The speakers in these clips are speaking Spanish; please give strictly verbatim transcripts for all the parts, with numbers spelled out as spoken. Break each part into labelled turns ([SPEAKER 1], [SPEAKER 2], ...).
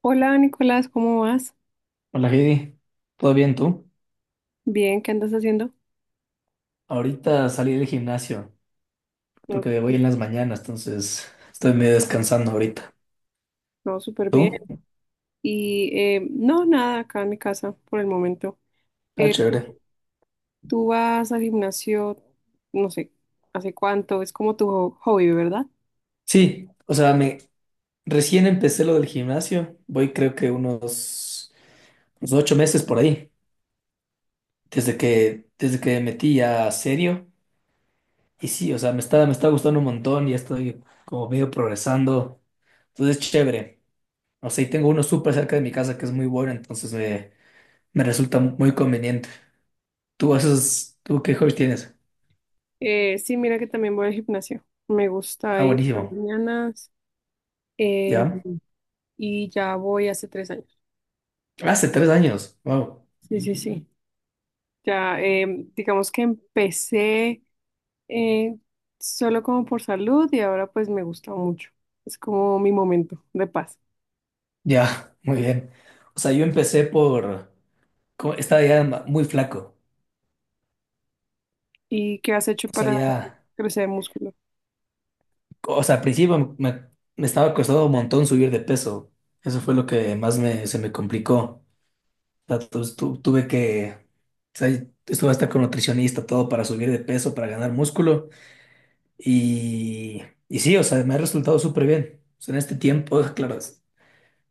[SPEAKER 1] Hola Nicolás, ¿cómo vas?
[SPEAKER 2] Hola Heidi, ¿todo bien tú?
[SPEAKER 1] Bien, ¿qué andas haciendo?
[SPEAKER 2] Ahorita salí del gimnasio
[SPEAKER 1] No,
[SPEAKER 2] porque voy en las mañanas, entonces estoy medio descansando ahorita.
[SPEAKER 1] no, súper bien.
[SPEAKER 2] ¿Tú?
[SPEAKER 1] Y eh, no, nada, acá en mi casa por el momento.
[SPEAKER 2] Ah,
[SPEAKER 1] Eh,
[SPEAKER 2] chévere.
[SPEAKER 1] ¿tú, tú vas al gimnasio, no sé, ¿hace cuánto? Es como tu ho- hobby, ¿verdad?
[SPEAKER 2] Sí, o sea, me recién empecé lo del gimnasio, voy creo que unos, unos ocho meses por ahí, desde
[SPEAKER 1] Porque-
[SPEAKER 2] que desde que me metí ya serio. Y sí, o sea, me está me está gustando un montón, ya estoy como medio progresando, entonces es chévere. O sea, y tengo uno súper cerca de mi casa que es muy bueno, entonces me me resulta muy conveniente. ¿Tú haces, tú qué hobbies tienes?
[SPEAKER 1] Eh, sí, mira que también voy al gimnasio. Me gusta
[SPEAKER 2] Ah,
[SPEAKER 1] ir en las
[SPEAKER 2] buenísimo.
[SPEAKER 1] mañanas eh,
[SPEAKER 2] ¿Ya?
[SPEAKER 1] y ya voy hace tres años.
[SPEAKER 2] Hace tres años. Wow.
[SPEAKER 1] Sí, sí, sí. Ya, eh, digamos que empecé. eh, Solo como por salud y ahora pues me gusta mucho. Es como mi momento de paz.
[SPEAKER 2] Ya, muy bien. O sea, yo empecé por, co- estaba ya ma- muy flaco.
[SPEAKER 1] ¿Y qué has hecho
[SPEAKER 2] O sea,
[SPEAKER 1] para
[SPEAKER 2] ya,
[SPEAKER 1] crecer músculo?
[SPEAKER 2] o sea, al principio me, me estaba costando un montón subir de peso. Eso fue lo que más me, se me complicó. O sea, tu- tu- tuve que, o sea, estuve hasta con nutricionista, todo para subir de peso, para ganar músculo. Y, y sí, o sea, me ha resultado súper bien. O sea, en este tiempo, claro.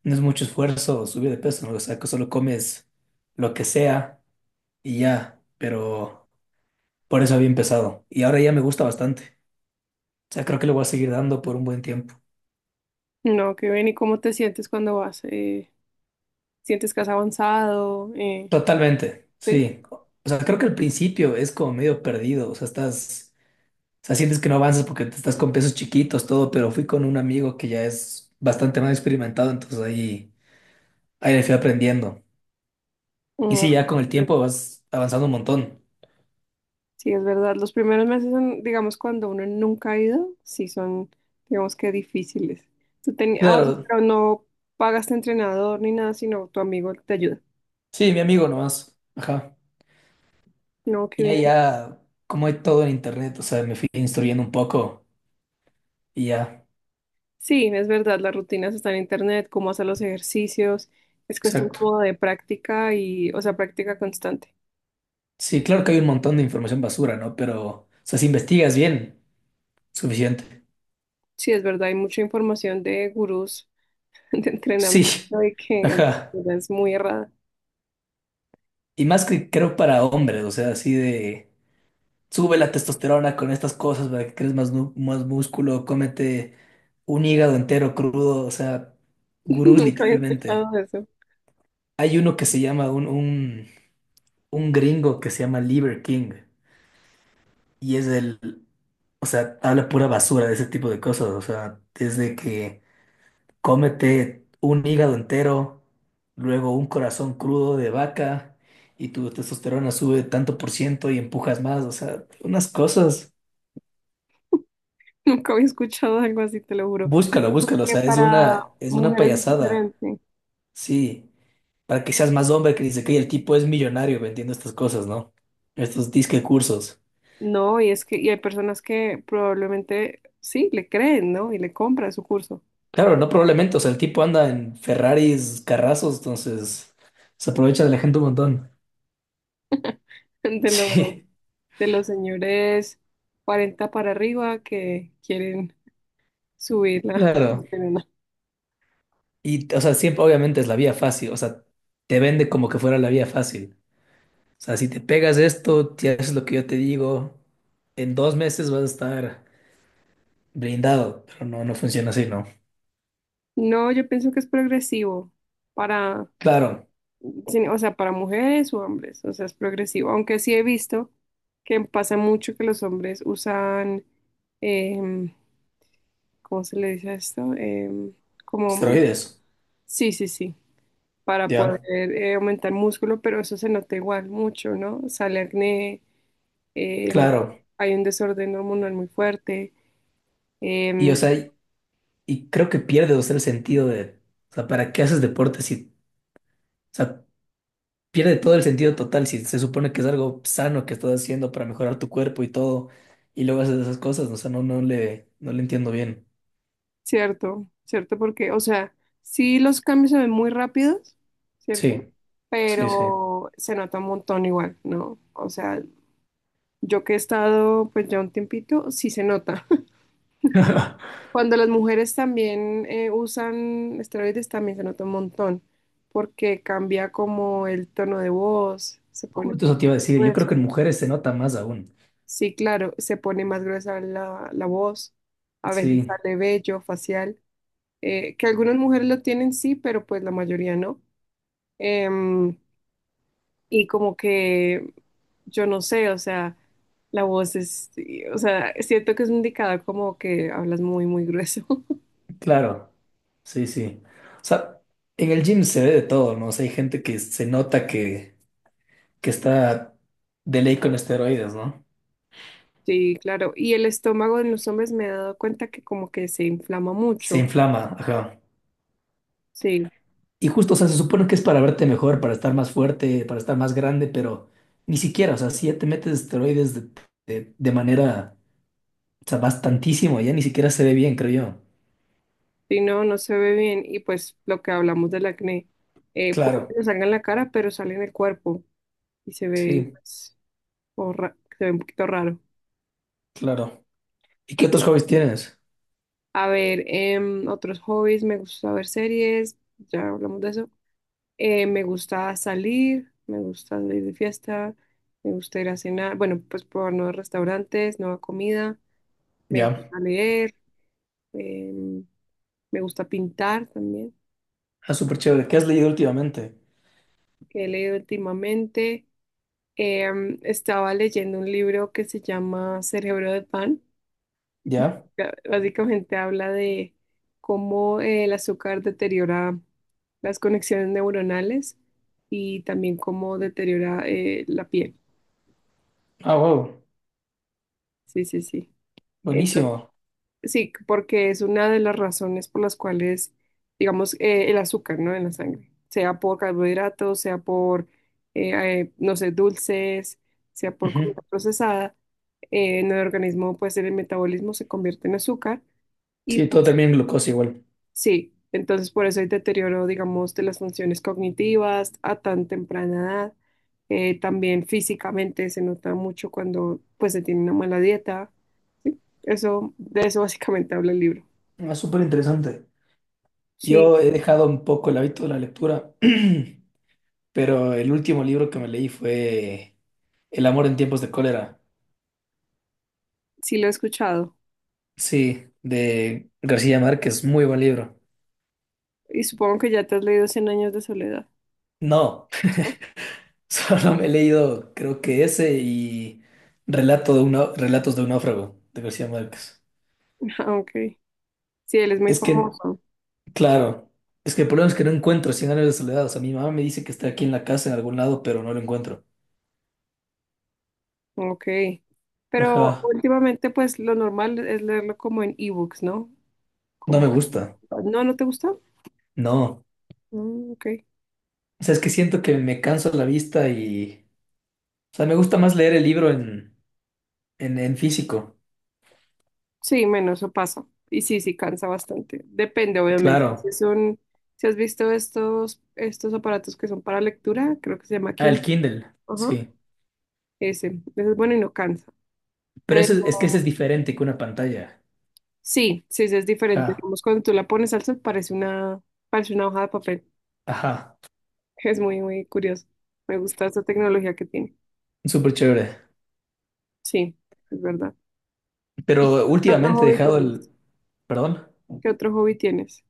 [SPEAKER 2] No es mucho esfuerzo subir de peso, ¿no? O sea, que solo comes lo que sea y ya, pero por eso había empezado. Y ahora ya me gusta bastante. O sea, creo que le voy a seguir dando por un buen tiempo.
[SPEAKER 1] No, qué bien. ¿Y cómo te sientes cuando vas? Eh, ¿sientes que has avanzado? Eh,
[SPEAKER 2] Totalmente,
[SPEAKER 1] ¿sí?
[SPEAKER 2] sí. O sea, creo que al principio es como medio perdido. O sea, estás, o sea, sientes que no avanzas porque te estás con pesos chiquitos, todo, pero fui con un amigo que ya es bastante más experimentado, entonces ahí, ahí le fui aprendiendo. Y sí,
[SPEAKER 1] Mm,
[SPEAKER 2] ya con el tiempo vas avanzando un montón.
[SPEAKER 1] sí, es verdad. Los primeros meses son, digamos, cuando uno nunca ha ido, sí son, digamos que difíciles. Tú tenías,
[SPEAKER 2] Claro,
[SPEAKER 1] pero no pagaste entrenador ni nada, sino tu amigo te ayuda.
[SPEAKER 2] sí, mi amigo nomás. Ajá.
[SPEAKER 1] No, qué
[SPEAKER 2] Y
[SPEAKER 1] bien.
[SPEAKER 2] allá, como hay todo en internet, o sea, me fui instruyendo un poco y ya.
[SPEAKER 1] Sí, es verdad, las rutinas están en internet, cómo hacer los ejercicios, es cuestión
[SPEAKER 2] Exacto.
[SPEAKER 1] como de práctica y, o sea, práctica constante.
[SPEAKER 2] Sí, claro que hay un montón de información basura, ¿no? Pero, o sea, si investigas bien, suficiente.
[SPEAKER 1] Sí, es verdad, hay mucha información de gurús de entrenamiento
[SPEAKER 2] Sí,
[SPEAKER 1] y que
[SPEAKER 2] ajá.
[SPEAKER 1] es muy errada.
[SPEAKER 2] Y más que creo para hombres, o sea, así de, sube la testosterona con estas cosas para que crees más, nu- más músculo, cómete un hígado entero crudo, o sea, gurús
[SPEAKER 1] Nunca había
[SPEAKER 2] literalmente.
[SPEAKER 1] escuchado eso,
[SPEAKER 2] Hay uno que se llama un, un, un gringo que se llama Liver King y es el, o sea, habla pura basura de ese tipo de cosas, o sea, desde que cómete un hígado entero, luego un corazón crudo de vaca y tu testosterona sube tanto por ciento y empujas más, o sea, unas cosas.
[SPEAKER 1] nunca había escuchado algo así, te lo juro.
[SPEAKER 2] Búscalo, búscalo, o
[SPEAKER 1] Porque
[SPEAKER 2] sea, es
[SPEAKER 1] para
[SPEAKER 2] una, es una
[SPEAKER 1] mujeres es
[SPEAKER 2] payasada,
[SPEAKER 1] diferente.
[SPEAKER 2] sí, para que seas más hombre, que dice que el tipo es millonario vendiendo estas cosas, ¿no? Estos disque cursos.
[SPEAKER 1] No, y es que y hay personas que probablemente sí le creen, ¿no? Y le compran su curso
[SPEAKER 2] Claro, no probablemente, o sea, el tipo anda en Ferraris, carrazos, entonces se aprovecha de la gente un montón.
[SPEAKER 1] de los
[SPEAKER 2] Sí.
[SPEAKER 1] de los señores cuarenta para arriba que quieren subir la
[SPEAKER 2] Claro.
[SPEAKER 1] testosterona.
[SPEAKER 2] Y, o sea, siempre, obviamente es la vía fácil, o sea, te vende como que fuera la vía fácil. O sea, si te pegas esto, si haces lo que yo te digo, en dos meses vas a estar blindado, pero no, no funciona así, ¿no?
[SPEAKER 1] No, yo pienso que es progresivo para,
[SPEAKER 2] Claro,
[SPEAKER 1] sin o sea, para mujeres o hombres, o sea, es progresivo, aunque sí he visto que pasa mucho que los hombres usan, em, ¿cómo se le dice a esto? Em, como,
[SPEAKER 2] esteroides,
[SPEAKER 1] sí, sí, sí, para poder
[SPEAKER 2] ya,
[SPEAKER 1] eh, aumentar músculo, pero eso se nota igual mucho, ¿no? Sale acné, em,
[SPEAKER 2] claro.
[SPEAKER 1] hay un desorden hormonal muy fuerte.
[SPEAKER 2] Y, o
[SPEAKER 1] Em,
[SPEAKER 2] sea, y, y creo que pierdes, o sea, el sentido de, o sea, ¿para qué haces deporte si, o sea, pierde todo el sentido total si se supone que es algo sano que estás haciendo para mejorar tu cuerpo y todo, y luego haces esas cosas, o sea, no, no le, no le entiendo bien.
[SPEAKER 1] cierto, cierto, porque, o sea, sí los cambios se ven muy rápidos, ¿cierto?
[SPEAKER 2] Sí. Sí, sí.
[SPEAKER 1] Pero se nota un montón igual, ¿no? O sea, yo que he estado pues ya un tiempito, sí se nota. Cuando las mujeres también eh, usan esteroides, también se nota un montón, porque cambia como el tono de voz, se pone
[SPEAKER 2] Justo
[SPEAKER 1] más
[SPEAKER 2] eso te iba a decir. Yo creo
[SPEAKER 1] gruesa.
[SPEAKER 2] que en mujeres se nota más aún.
[SPEAKER 1] Sí, claro, se pone más gruesa la, la voz, a veces
[SPEAKER 2] Sí,
[SPEAKER 1] sale vello facial. Eh, que algunas mujeres lo tienen sí, pero pues la mayoría no. Em, y como que yo no sé, o sea, la voz es, sí, o sea, siento que es un indicador como que hablas muy, muy grueso.
[SPEAKER 2] claro. Sí, sí. O sea, en el gym se ve de todo, ¿no? O sea, hay gente que se nota que, que está de ley con esteroides, ¿no?
[SPEAKER 1] Sí, claro. Y el estómago en los hombres me he dado cuenta que como que se inflama
[SPEAKER 2] Se
[SPEAKER 1] mucho.
[SPEAKER 2] inflama, ajá.
[SPEAKER 1] Sí,
[SPEAKER 2] Y justo, o sea, se supone que es para verte mejor, para estar más fuerte, para estar más grande, pero ni siquiera, o sea, si ya te metes esteroides de, de, de manera, o sea, bastantísimo, ya ni siquiera se ve bien, creo yo.
[SPEAKER 1] si no, no se ve bien. Y pues lo que hablamos del acné, eh, puede que
[SPEAKER 2] Claro,
[SPEAKER 1] no salga en la cara, pero sale en el cuerpo y se ve,
[SPEAKER 2] sí,
[SPEAKER 1] pues, horra- se ve un poquito raro.
[SPEAKER 2] claro. ¿Y qué otros hobbies tienes?
[SPEAKER 1] A ver, em, otros hobbies, me gusta ver series, ya hablamos de eso. Eh, me gusta salir, me gusta salir de fiesta, me gusta ir a cenar, bueno, pues probar nuevos restaurantes, nueva comida, me
[SPEAKER 2] Ya.
[SPEAKER 1] gusta leer, em, me gusta pintar también,
[SPEAKER 2] Ah, súper chévere. ¿Qué has leído últimamente?
[SPEAKER 1] que he leído últimamente. Em, estaba leyendo un libro que se llama Cerebro de Pan.
[SPEAKER 2] Ya.
[SPEAKER 1] Ya, básicamente habla de cómo el azúcar deteriora las conexiones neuronales y también cómo deteriora eh, la piel.
[SPEAKER 2] Ah, wow.
[SPEAKER 1] Sí, sí, sí. Entonces,
[SPEAKER 2] Buenísimo.
[SPEAKER 1] sí, porque es una de las razones por las cuales, digamos, eh, el azúcar, ¿no? En la sangre, sea por carbohidratos, sea por, eh, eh, no sé, dulces, sea por comida
[SPEAKER 2] Ujú.
[SPEAKER 1] procesada, eh, en el organismo, pues el metabolismo se convierte en azúcar. Y
[SPEAKER 2] Sí, todo termina en glucosa igual.
[SPEAKER 1] sí, entonces por eso hay deterioro, digamos, de las funciones cognitivas a tan temprana edad. Eh, también físicamente se nota mucho cuando pues se tiene una mala dieta. Sí, eso, de eso básicamente habla el libro.
[SPEAKER 2] Ah, súper interesante.
[SPEAKER 1] Sí,
[SPEAKER 2] Yo he dejado un poco el hábito de la lectura, pero el último libro que me leí fue El amor en tiempos de cólera.
[SPEAKER 1] sí lo he escuchado.
[SPEAKER 2] Sí, de García Márquez. Muy buen libro.
[SPEAKER 1] Y supongo que ya te has leído Cien años de soledad,
[SPEAKER 2] No,
[SPEAKER 1] ¿no?
[SPEAKER 2] solo me he leído, creo que ese y Relato de un, Nau- Relatos de un náufrago de García Márquez.
[SPEAKER 1] Ah, ok. Sí, él es muy
[SPEAKER 2] Es que
[SPEAKER 1] famoso.
[SPEAKER 2] claro, es que el problema es que no encuentro Cien años de soledad. O sea, mi mamá me dice que está aquí en la casa en algún lado, pero no lo encuentro.
[SPEAKER 1] Ok. Pero
[SPEAKER 2] Ajá,
[SPEAKER 1] últimamente pues lo normal es leerlo como en ebooks, ¿no?
[SPEAKER 2] no me
[SPEAKER 1] Como,
[SPEAKER 2] gusta.
[SPEAKER 1] pues, no, ¿no te gusta?
[SPEAKER 2] No,
[SPEAKER 1] Mm, ok.
[SPEAKER 2] o sea, es que siento que me canso la vista y. O sea, me gusta más leer el libro en, en, en físico.
[SPEAKER 1] Sí, menos eso pasa. Y sí, sí cansa bastante. Depende, obviamente.
[SPEAKER 2] Claro,
[SPEAKER 1] Si son, si has visto estos, estos aparatos que son para lectura, creo que se llama
[SPEAKER 2] ah, el
[SPEAKER 1] Kindle.
[SPEAKER 2] Kindle,
[SPEAKER 1] Ajá.
[SPEAKER 2] sí.
[SPEAKER 1] Ese, ese es bueno y no cansa.
[SPEAKER 2] Pero
[SPEAKER 1] Pero
[SPEAKER 2] eso es es que ese es diferente que una pantalla.
[SPEAKER 1] sí, sí, sí es diferente.
[SPEAKER 2] Ajá,
[SPEAKER 1] Digamos, cuando tú la pones al sol parece una, parece una hoja de papel.
[SPEAKER 2] ajá,
[SPEAKER 1] Es muy, muy curioso. Me gusta esta tecnología que tiene.
[SPEAKER 2] súper chévere.
[SPEAKER 1] Sí, es verdad. ¿Y
[SPEAKER 2] Pero
[SPEAKER 1] qué otro
[SPEAKER 2] últimamente he
[SPEAKER 1] hobby
[SPEAKER 2] dejado el.
[SPEAKER 1] tienes?
[SPEAKER 2] Perdón,
[SPEAKER 1] ¿Qué otro hobby tienes?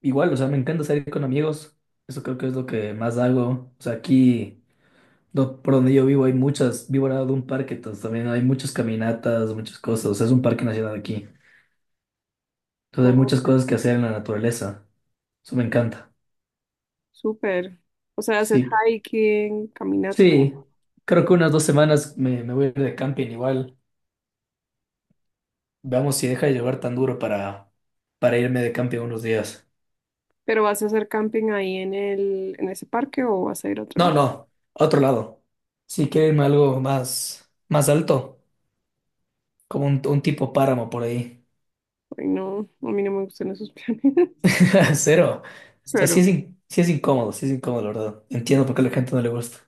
[SPEAKER 2] igual, o sea, me encanta salir con amigos. Eso creo que es lo que más hago. O sea, aquí. Do- por donde yo vivo hay muchas, vivo al lado de un parque, entonces también hay muchas caminatas, muchas cosas, o sea, es un parque nacional aquí. Entonces hay
[SPEAKER 1] Oh,
[SPEAKER 2] muchas cosas que hacer en la naturaleza, eso me encanta.
[SPEAKER 1] súper. O sea, haces
[SPEAKER 2] Sí,
[SPEAKER 1] hiking, caminata.
[SPEAKER 2] sí, creo que unas dos semanas me, me voy a ir de camping igual. Veamos si deja de llover tan duro para, para, irme de camping unos días.
[SPEAKER 1] ¿Pero vas a hacer camping ahí en el, en ese parque o vas a ir a otro
[SPEAKER 2] No,
[SPEAKER 1] lado?
[SPEAKER 2] no, a otro lado. Si quiero irme a algo más, más alto, como un, un tipo páramo por ahí.
[SPEAKER 1] Ay, no, a mí no me gustan esos planes.
[SPEAKER 2] Cero. O sea, sí
[SPEAKER 1] Claro.
[SPEAKER 2] es, in- sí es incómodo, sí es incómodo, la verdad. Entiendo por qué a la gente no le gusta.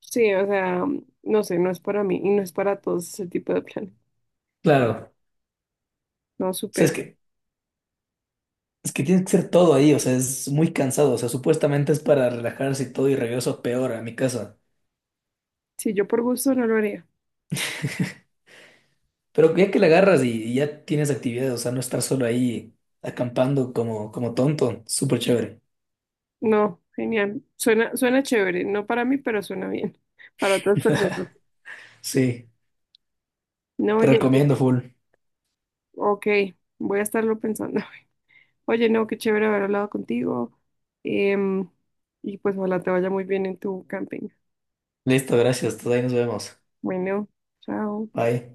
[SPEAKER 1] Sí, o sea, no sé, no es para mí y no es para todos ese tipo de planes.
[SPEAKER 2] Claro, o
[SPEAKER 1] No,
[SPEAKER 2] sea, es
[SPEAKER 1] súper.
[SPEAKER 2] que, es que tiene que ser todo ahí, o sea, es muy cansado, o sea, supuestamente es para relajarse y todo y regreso peor a mi casa.
[SPEAKER 1] Sí, yo por gusto no lo haría.
[SPEAKER 2] Pero ya que la agarras y, y ya tienes actividades, o sea, no estar solo ahí acampando como, como tonto, súper chévere.
[SPEAKER 1] No, genial. Suena, suena chévere, no para mí, pero suena bien. Para otras personas.
[SPEAKER 2] Sí,
[SPEAKER 1] No,
[SPEAKER 2] te
[SPEAKER 1] oye,
[SPEAKER 2] recomiendo full.
[SPEAKER 1] ok, voy a estarlo pensando. Oye, no, qué chévere haber hablado contigo. em, y pues ojalá te vaya muy bien en tu camping.
[SPEAKER 2] Listo, gracias, entonces ahí nos vemos.
[SPEAKER 1] Bueno, chao.
[SPEAKER 2] Bye.